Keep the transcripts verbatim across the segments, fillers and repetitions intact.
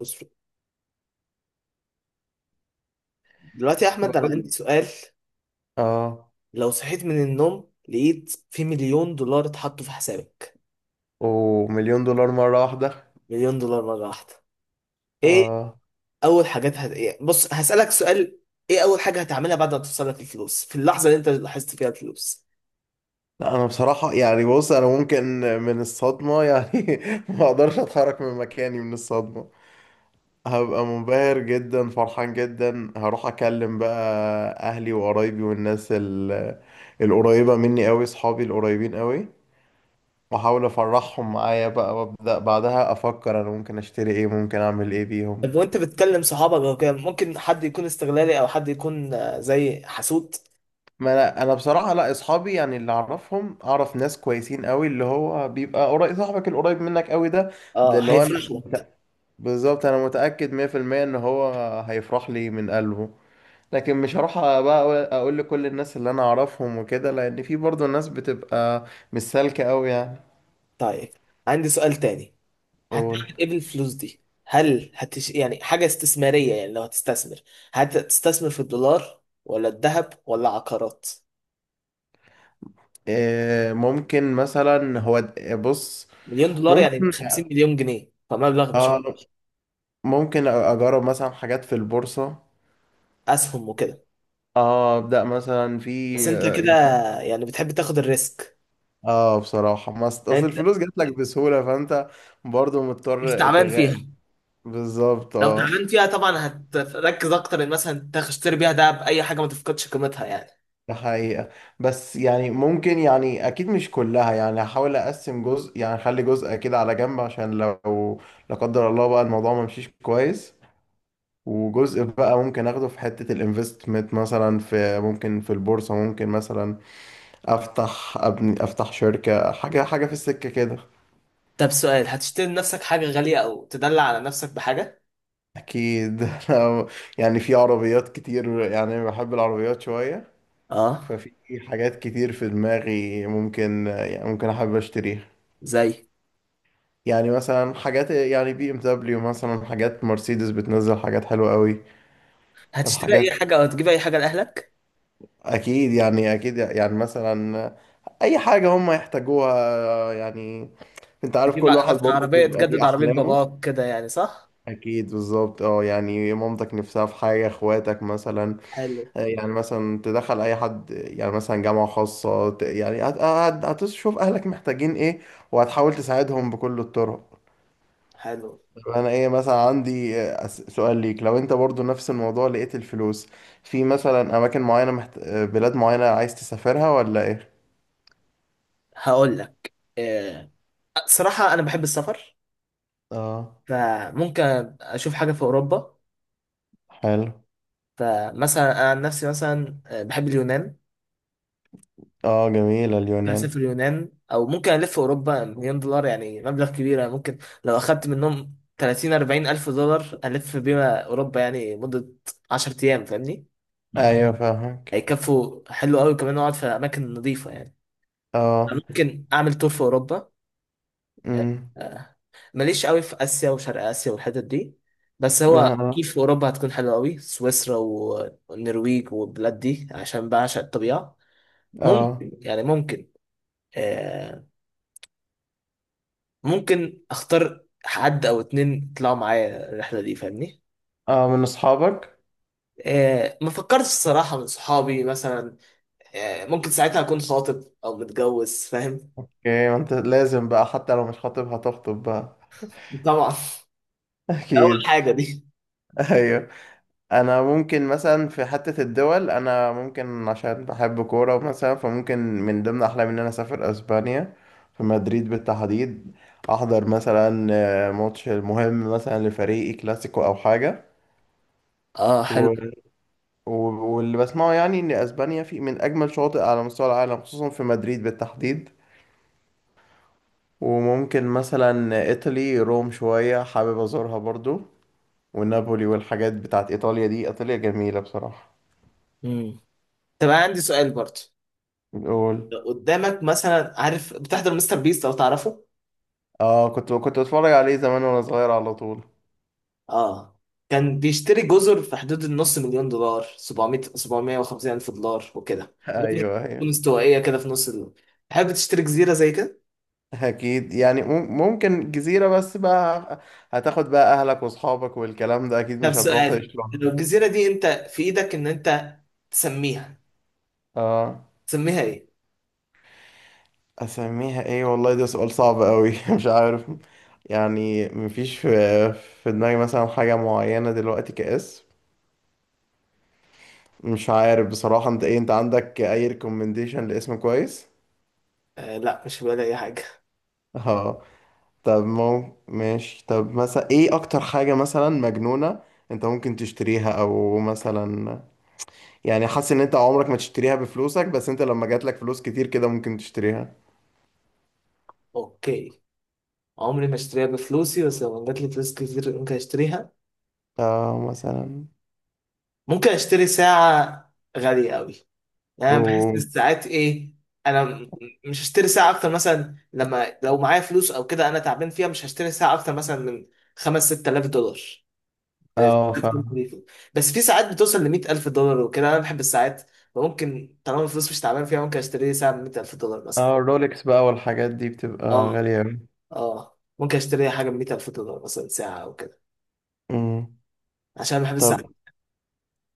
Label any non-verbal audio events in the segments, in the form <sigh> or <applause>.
بص، دلوقتي يا احمد، انا عندي بقول سؤال. اه. لو صحيت من النوم لقيت في مليون دولار اتحطوا في حسابك. ومليون دولار مرة واحدة؟ مليون دولار مره واحده. ايه اه اول حاجات هت... إيه؟ بص، هسألك سؤال. ايه اول حاجه هتعملها بعد ما توصل لك الفلوس في اللحظه اللي انت لاحظت فيها الفلوس؟ لا انا بصراحة يعني بص، انا ممكن من الصدمة يعني <laughs> ما اقدرش اتحرك من مكاني من الصدمة. هبقى منبهر جدا، فرحان جدا، هروح اكلم بقى اهلي وقرايبي والناس ال- القريبة مني قوي، صحابي القريبين قوي، واحاول افرحهم معايا بقى، وابدا بعدها افكر انا ممكن اشتري ايه، ممكن اعمل ايه بيهم. طب وانت بتكلم صحابك او كده، ممكن حد يكون استغلالي او حد يكون آه، زي حسود. ما انا انا بصراحه، لا اصحابي يعني اللي اعرفهم، اعرف ناس كويسين قوي. اللي هو بيبقى قريب، صاحبك القريب منك قوي ده، ده اه، اللي هو انا هيفرش لك. بالظبط، انا متاكد مية في المية ان هو هيفرح لي من قلبه. لكن مش هروح بقى اقول لكل الناس اللي انا اعرفهم وكده، لان في برضه ناس بتبقى مش سالكه قوي يعني. طيب، عندي سؤال تاني. هتعمل قول. ايه بالفلوس دي؟ هل هتش... يعني حاجة استثمارية؟ يعني لو هتستثمر، هتستثمر في الدولار ولا الذهب ولا عقارات؟ إيه ممكن مثلا هو د- بص، مليون دولار يعني ممكن، خمسين مليون جنيه، فمبلغ مش... اه ممكن اجرب مثلا حاجات في البورصه. اسهم وكده؟ اه، ابدا مثلا في بس انت آه، كده، يعني. يعني بتحب تاخد الريسك. اه بصراحة ما است- يعني اصل انت الفلوس جات لك بسهولة، فانت برضو مش مضطر تعبان تغ... فيها. بالظبط لو اه. تعبان فيها طبعا هتركز اكتر ان مثلا تشتري بيها دهب، اي حاجة ما تفقدش قيمتها يعني. ده حقيقة، بس يعني ممكن يعني اكيد مش كلها، يعني هحاول اقسم جزء، يعني اخلي جزء كده على جنب عشان لو لا قدر الله بقى الموضوع ما مشيش كويس. وجزء بقى ممكن اخده في حتة الانفستمنت، مثلا في ممكن في البورصة، ممكن مثلا افتح ابني افتح شركة، حاجة حاجة في السكة كده. طب سؤال، هتشتري لنفسك حاجة غالية او تدلع على نفسك بحاجة؟ اكيد <laughs> أنا يعني في عربيات كتير، يعني بحب العربيات شوية. اه. ففي حاجات كتير في دماغي ممكن، يعني ممكن احب اشتريها. زي؟ يعني مثلا حاجات يعني بي ام دبليو، مثلا حاجات مرسيدس بتنزل حاجات حلوة قوي. هتشتري اي الحاجات حاجة او هتجيب اي حاجة لأهلك؟ اكيد يعني، اكيد يعني مثلا اي حاجة هم يحتاجوها يعني. انت عارف تجيب كل ع- واحد مثلا برضه عربية، بيبقى تجدد ليه عربية احلامه. باباك كده يعني، صح؟ اكيد بالظبط اه، يعني مامتك نفسها في حاجة، اخواتك مثلا، حلو. يعني مثلا تدخل اي حد يعني مثلا جامعة خاصة، ت- يعني هت- هت- هتشوف اهلك محتاجين ايه، وهتحاول تساعدهم بكل الطرق. حلو. طب انا ايه، مثلا عندي آه، أس- سؤال ليك، لو انت برضو نفس الموضوع لقيت الفلوس، في مثلا اماكن معينة محت... آه، بلاد معينة عايز تسافرها ولا ايه؟ هقول لك. آه، صراحة أنا بحب السفر، اه فممكن أشوف حاجة في أوروبا. حلو. فمثلا أنا عن نفسي مثلا آه، بحب اليونان. اه جميلة ممكن اليونان. أسافر اليونان أو ممكن ألف في أوروبا. مليون دولار يعني مبلغ كبير، يعني ممكن لو أخدت منهم ثلاثين أربعين ألف دولار ألف بيها أوروبا يعني مدة عشر أيام، فاهمني؟ ايوه <laughs> فاهمك. هيكفوا. حلو قوي. كمان أقعد في أماكن نظيفة يعني. اه. ممكن أعمل تور في أوروبا. آه، امم. آه، ماليش قوي في اسيا وشرق اسيا والحتت دي. بس هو اه. كيف في اوروبا هتكون حلوه قوي، سويسرا و- والنرويج والبلاد دي، عشان بعشق الطبيعه. ممكن، اه. يعني ممكن آه ممكن اختار حد او اتنين يطلعوا معايا الرحله دي، فاهمني. اه من اصحابك. آه ما فكرتش الصراحه، من صحابي مثلا. آه ممكن ساعتها اكون خاطب او متجوز، فاهم. اوكي، ما انت لازم بقى حتى لو مش خاطب هتخطب بقى. طبعا. <laughs> ده اول اكيد. حاجه دي. <laughs> ايوه. انا ممكن مثلا في حتة الدول، انا ممكن عشان بحب كورة مثلا، فممكن من ضمن احلامي ان انا اسافر اسبانيا، في مدريد بالتحديد، احضر مثلا آه، ماتش مهم مثلا لفريقي، كلاسيكو او حاجة. اه، حلو. و... و... واللي بسمعه يعني ان اسبانيا في من اجمل شواطئ على مستوى العالم، خصوصا في مدريد بالتحديد. وممكن مثلا ايطالي، روم شوية حابب ازورها برضو، ونابولي والحاجات بتاعت ايطاليا دي. ايطاليا جميلة بصراحة. امم طب أنا عندي سؤال برضه. قول. لو قدامك مثلا، عارف بتحضر مستر بيست لو تعرفه؟ اه كنت كنت بتفرج عليه زمان وانا صغير على طول. اه. كان بيشتري جزر في حدود النص مليون دولار، سبعمائة سبعمائة وخمسين الف دولار وكده، جزر ايوه تكون ايوه. استوائيه كده في نص ال... تحب تشتري جزيره زي كده؟ اكيد يعني مم- ممكن جزيرة بس بقى، هتاخد بقى اهلك واصحابك والكلام ده، اكيد طب مش هتروح سؤال، تعيش لو لوحدك. الجزيره دي انت في ايدك ان انت تسميها اه. تسميها ايه؟ اسميها ايه؟ والله ده سؤال صعب قوي <laughs> مش عارف. يعني مفيش في في دماغي مثلا حاجة معينة دلوقتي كاسم. مش عارف بصراحة، انت ايه، انت عندك اي ريكومنديشن لاسم كويس؟ آه لا، مش هبقى اي حاجه. اه. طب مو ماشي. طب مثلا ايه اكتر حاجة مثلا مجنونة انت ممكن تشتريها، او مثلا يعني حاسس ان انت عمرك ما تشتريها بفلوسك، بس انت لما جات لك فلوس كتير كده ممكن تشتريها؟ اوكي. عمري ما اشتريها بفلوسي، بس لو جات لي فلوس كتير ممكن اشتريها. اه مثلا. ممكن اشتري ساعه غاليه قوي. يعني بحس إن اوه. الساعات ايه... انا م- مش هشتري ساعه اكتر، مثلا لما لو معايا فلوس او كده انا تعبان فيها، مش هشتري ساعه اكتر مثلا من خمسة ستة آلاف دولار. ده- اه فاهم. <laughs> بس في ساعات بتوصل ل مية ألف دولار وكده. انا بحب الساعات، فممكن طالما الفلوس مش تعبان فيها ممكن اشتري ساعه ب مية ألف دولار مثلا. اه الرولكس بقى والحاجات دي بتبقى اه. غالية أوي. اه، ممكن اشتري حاجه ب مية ألف دولار مثلا، ساعه او كده، امم. عشان بحب طب الساعات.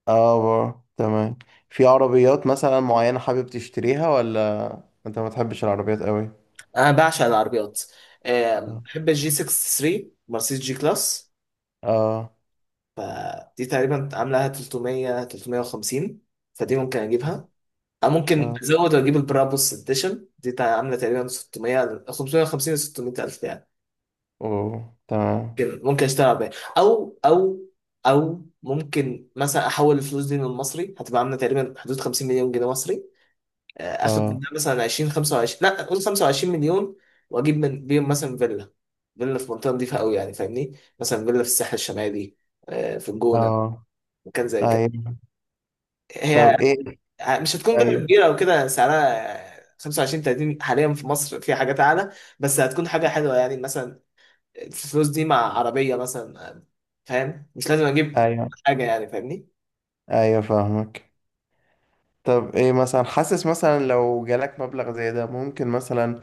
اه بقى. تمام. في عربيات مثلا معينة حابب تشتريها، ولا انت ما تحبش العربيات قوي؟ انا بعشق العربيات. آم، اه. بحب الجي تلاتة وستين، مرسيدس جي كلاس. اه. فدي تقريبا عاملة تلتمية تلتمية وخمسين، فدي ممكن اجيبها. أو ممكن اه. ازود واجيب البرابوس اديشن دي، تع- عاملة تقريبا ستمية خمسمائة وخمسين ل ستمائة الف يعني. اوه تمام. ممكن ممكن اشتغل بيها. او او او ممكن مثلا احول الفلوس دي من المصري هتبقى عاملة تقريبا حدود خمسين مليون جنيه مصري. آه، اخد اه. منها مثلا عشرين خمسة وعشرين، لا قول خمسة وعشرين مليون، واجيب من بيهم مثلا فيلا. فيلا في منطقة نضيفة قوي يعني، فاهمني. مثلا فيلا في الساحل الشمالي، آه، في الجونة، اه. مكان زي كده. ايوه. هي. طب ايه. آه، مش هتكون فيلا ايوه. كبيرة أو كده، سعرها خمسة وعشرين تلاتين، حاليا في مصر في حاجات أعلى. بس هتكون حاجة حلوة يعني، مثلا الفلوس دي مع عربية مثلا، فاهم، مش لازم أجيب ايوه. حاجة يعني، فاهمني. ايوه فاهمك. طب ايه مثلا، حاسس مثلا لو جالك مبلغ زي ده ممكن مثلا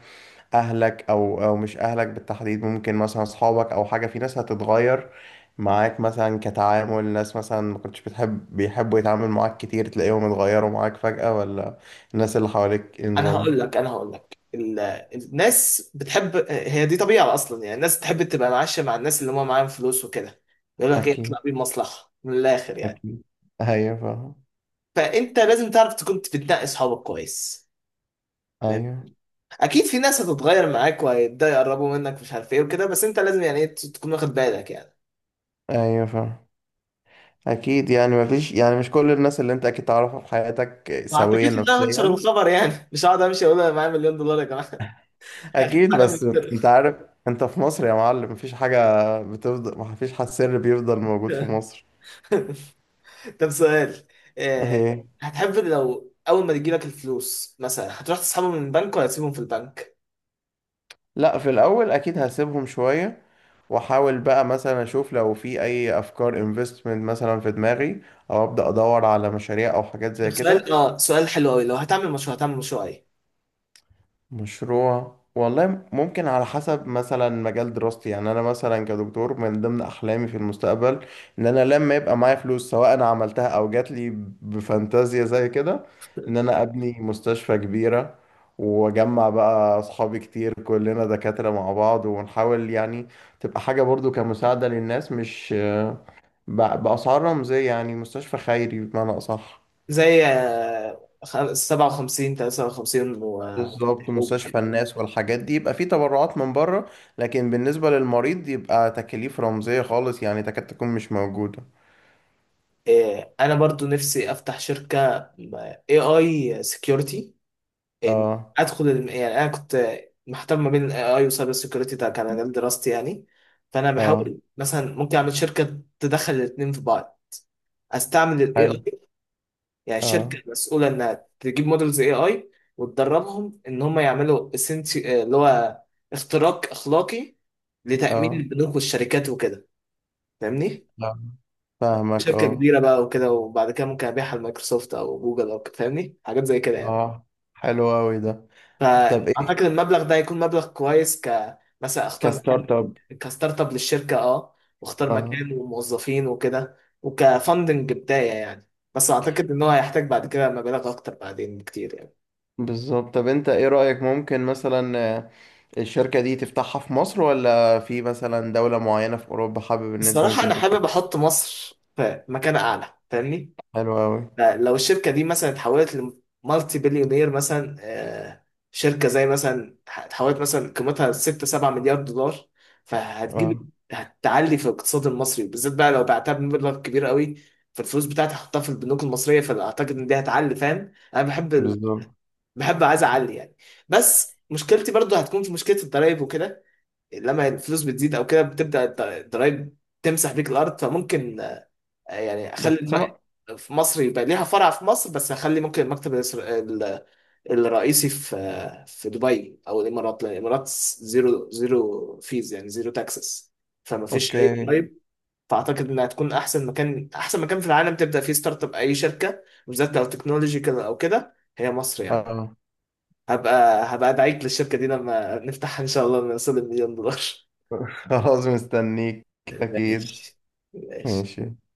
اهلك او او مش اهلك بالتحديد، ممكن مثلا اصحابك، او حاجه، في ناس هتتغير معاك مثلا؟ كتعامل ناس مثلا ما كنتش بتحب بيحبوا يتعامل معاك كتير، تلاقيهم اتغيروا معاك فجأة، ولا الناس اللي حواليك أنا انظموا؟ هقول لك أنا هقول لك ال- الناس بتحب، هي دي طبيعة أصلا يعني. الناس تحب تبقى معاشة مع الناس اللي هم معاهم فلوس وكده، يقول لك إيه، اكيد. اطلع بيه مصلحة، من الآخر يعني. اكيد. ايوه فاهم. فأنت لازم تعرف تكون بتنقي أصحابك كويس. ايوه. اكيد في ناس هتتغير معاك، وهيبداوا يقربوا منك مش عارف ايه وكده، بس انت لازم يعني ايه تكون واخد بالك يعني. ايوه فاهم. اكيد يعني مفيش، يعني مش كل الناس اللي انت اكيد تعرفها في حياتك ما سوية اعتقدش ان انا هنشر نفسيا. الخبر يعني <laughs> مش هقعد امشي اقول انا معايا مليون دولار يا جماعه <laughs> هخاف اكيد عليهم بس يتسرقوا. انت عارف، انت في مصر يا معلم مفيش حاجه بتفضل، مفيش حد سر بيفضل موجود في مصر. <laughs> طب سؤال، آه، ايه؟ هتحب لو اول ما تجيلك الفلوس مثلا هتروح تسحبهم من البنك ولا تسيبهم في البنك؟ لا في الاول اكيد هسيبهم شويه، واحاول بقى مثلا اشوف لو في اي افكار انفستمنت مثلا في دماغي، او ابدا ادور على مشاريع او حاجات طب زي كده. سؤال اه سؤال حلو قوي. لو هتعمل مشروع هتعمل مشروع ايه؟ مشروع والله ممكن على حسب مثلا مجال دراستي، يعني انا مثلا كدكتور، من ضمن احلامي في المستقبل ان انا لما يبقى معايا فلوس، سواء انا عملتها او جات لي بفانتازيا زي كده، ان انا ابني مستشفى كبيرة، واجمع بقى اصحابي كتير كلنا دكاترة مع بعض، ونحاول يعني تبقى حاجة برضو كمساعدة للناس، مش ب- بأسعار رمزية، يعني مستشفى خيري بمعنى أصح. زي آه، خ- سبعة وخمسين تلاتة وخمسين. و بالظبط، مستشفى الناس والحاجات دي يبقى في تبرعات من بره، لكن بالنسبة للمريض يبقى تكاليف رمزية خالص يعني تكاد تكون مش موجودة. آه، انا برضو نفسي افتح شركه اي اي سكيورتي يعني. اه. ادخل الم- يعني انا كنت محتار ما بين الاي اي وسايبر سكيورتي، ده كان مجال دراستي يعني. فانا اه. بحاول مثلا ممكن اعمل شركه تدخل الاثنين في بعض، استعمل الاي حلو. اي. يعني شركه اه. مسؤوله انها تجيب مودلز اي اي وتدربهم ان هم يعملوا essenti- آه، اللي هو اختراق اخلاقي لتامين اه. البنوك والشركات وكده، فاهمني. آه. فاهمك شركة اه. كبيرة بقى وكده، وبعد كده ممكن أبيعها لمايكروسوفت أو جوجل أو كده، فاهمني، حاجات زي كده يعني. اه. حلو اوي ده. طب فأعتقد ايه، المبلغ ده هيكون مبلغ كويس، ك مثلا أختار مكان، كستارت اب. كستارت أب للشركة، أه، وأختار اه مكان وموظفين وكده وكفندنج بداية يعني. بس أعتقد إن هو هيحتاج بعد كده مبالغ أكتر بعدين بكتير يعني. بالظبط. طب انت ايه رأيك، ممكن مثلا آه، الشركة دي تفتحها في مصر، ولا في مثلا دولة معينة في اوروبا حابب ان انت الصراحة ممكن أنا حابب تفتحها؟ أحط مصر في مكان أعلى، فاهمني. حلو اوي. لو الشركة دي مثلا اتحولت لمالتي بليونير، مثلا آه، شركة زي مثلا اتحولت مثلا قيمتها ستة سبعة مليار دولار، اه فهتجيب هتعلي في الاقتصاد المصري بالذات، بقى لو بعتها بمبلغ كبير قوي، فالفلوس بتاعتي هحطها في البنوك المصرية، فأعتقد إن دي هتعلي، فاهم؟ أنا بحب ال... بالظبط. بحب، عايز أعلي يعني. بس مشكلتي برضو هتكون في مشكلة الضرايب وكده. لما الفلوس بتزيد أو كده بتبدأ الض- الضرايب تمسح بيك الأرض. فممكن يعني بس اخلي الم... انا. في مصر يبقى ليها فرع في مصر، بس هخلي ممكن المكتب الإسر... ال- الرئيسي في في دبي او الامارات، لان الامارات زيرو زيرو فيز يعني زيرو تاكسس، فما فيش اي اوكي. ضرايب. فاعتقد انها تكون احسن مكان، احسن مكان في العالم تبدا فيه ستارت اب اي شركه، بالذات لو تكنولوجيكال او كده، هي مصر <laughs> يعني. اه. هبقى هبقى ادعيك للشركه دي لما نفتحها ان شاء الله، لما نوصل المليون دولار. خلاص مستنيك. <laughs> اكيد. ماشي. ماشي. ماشي.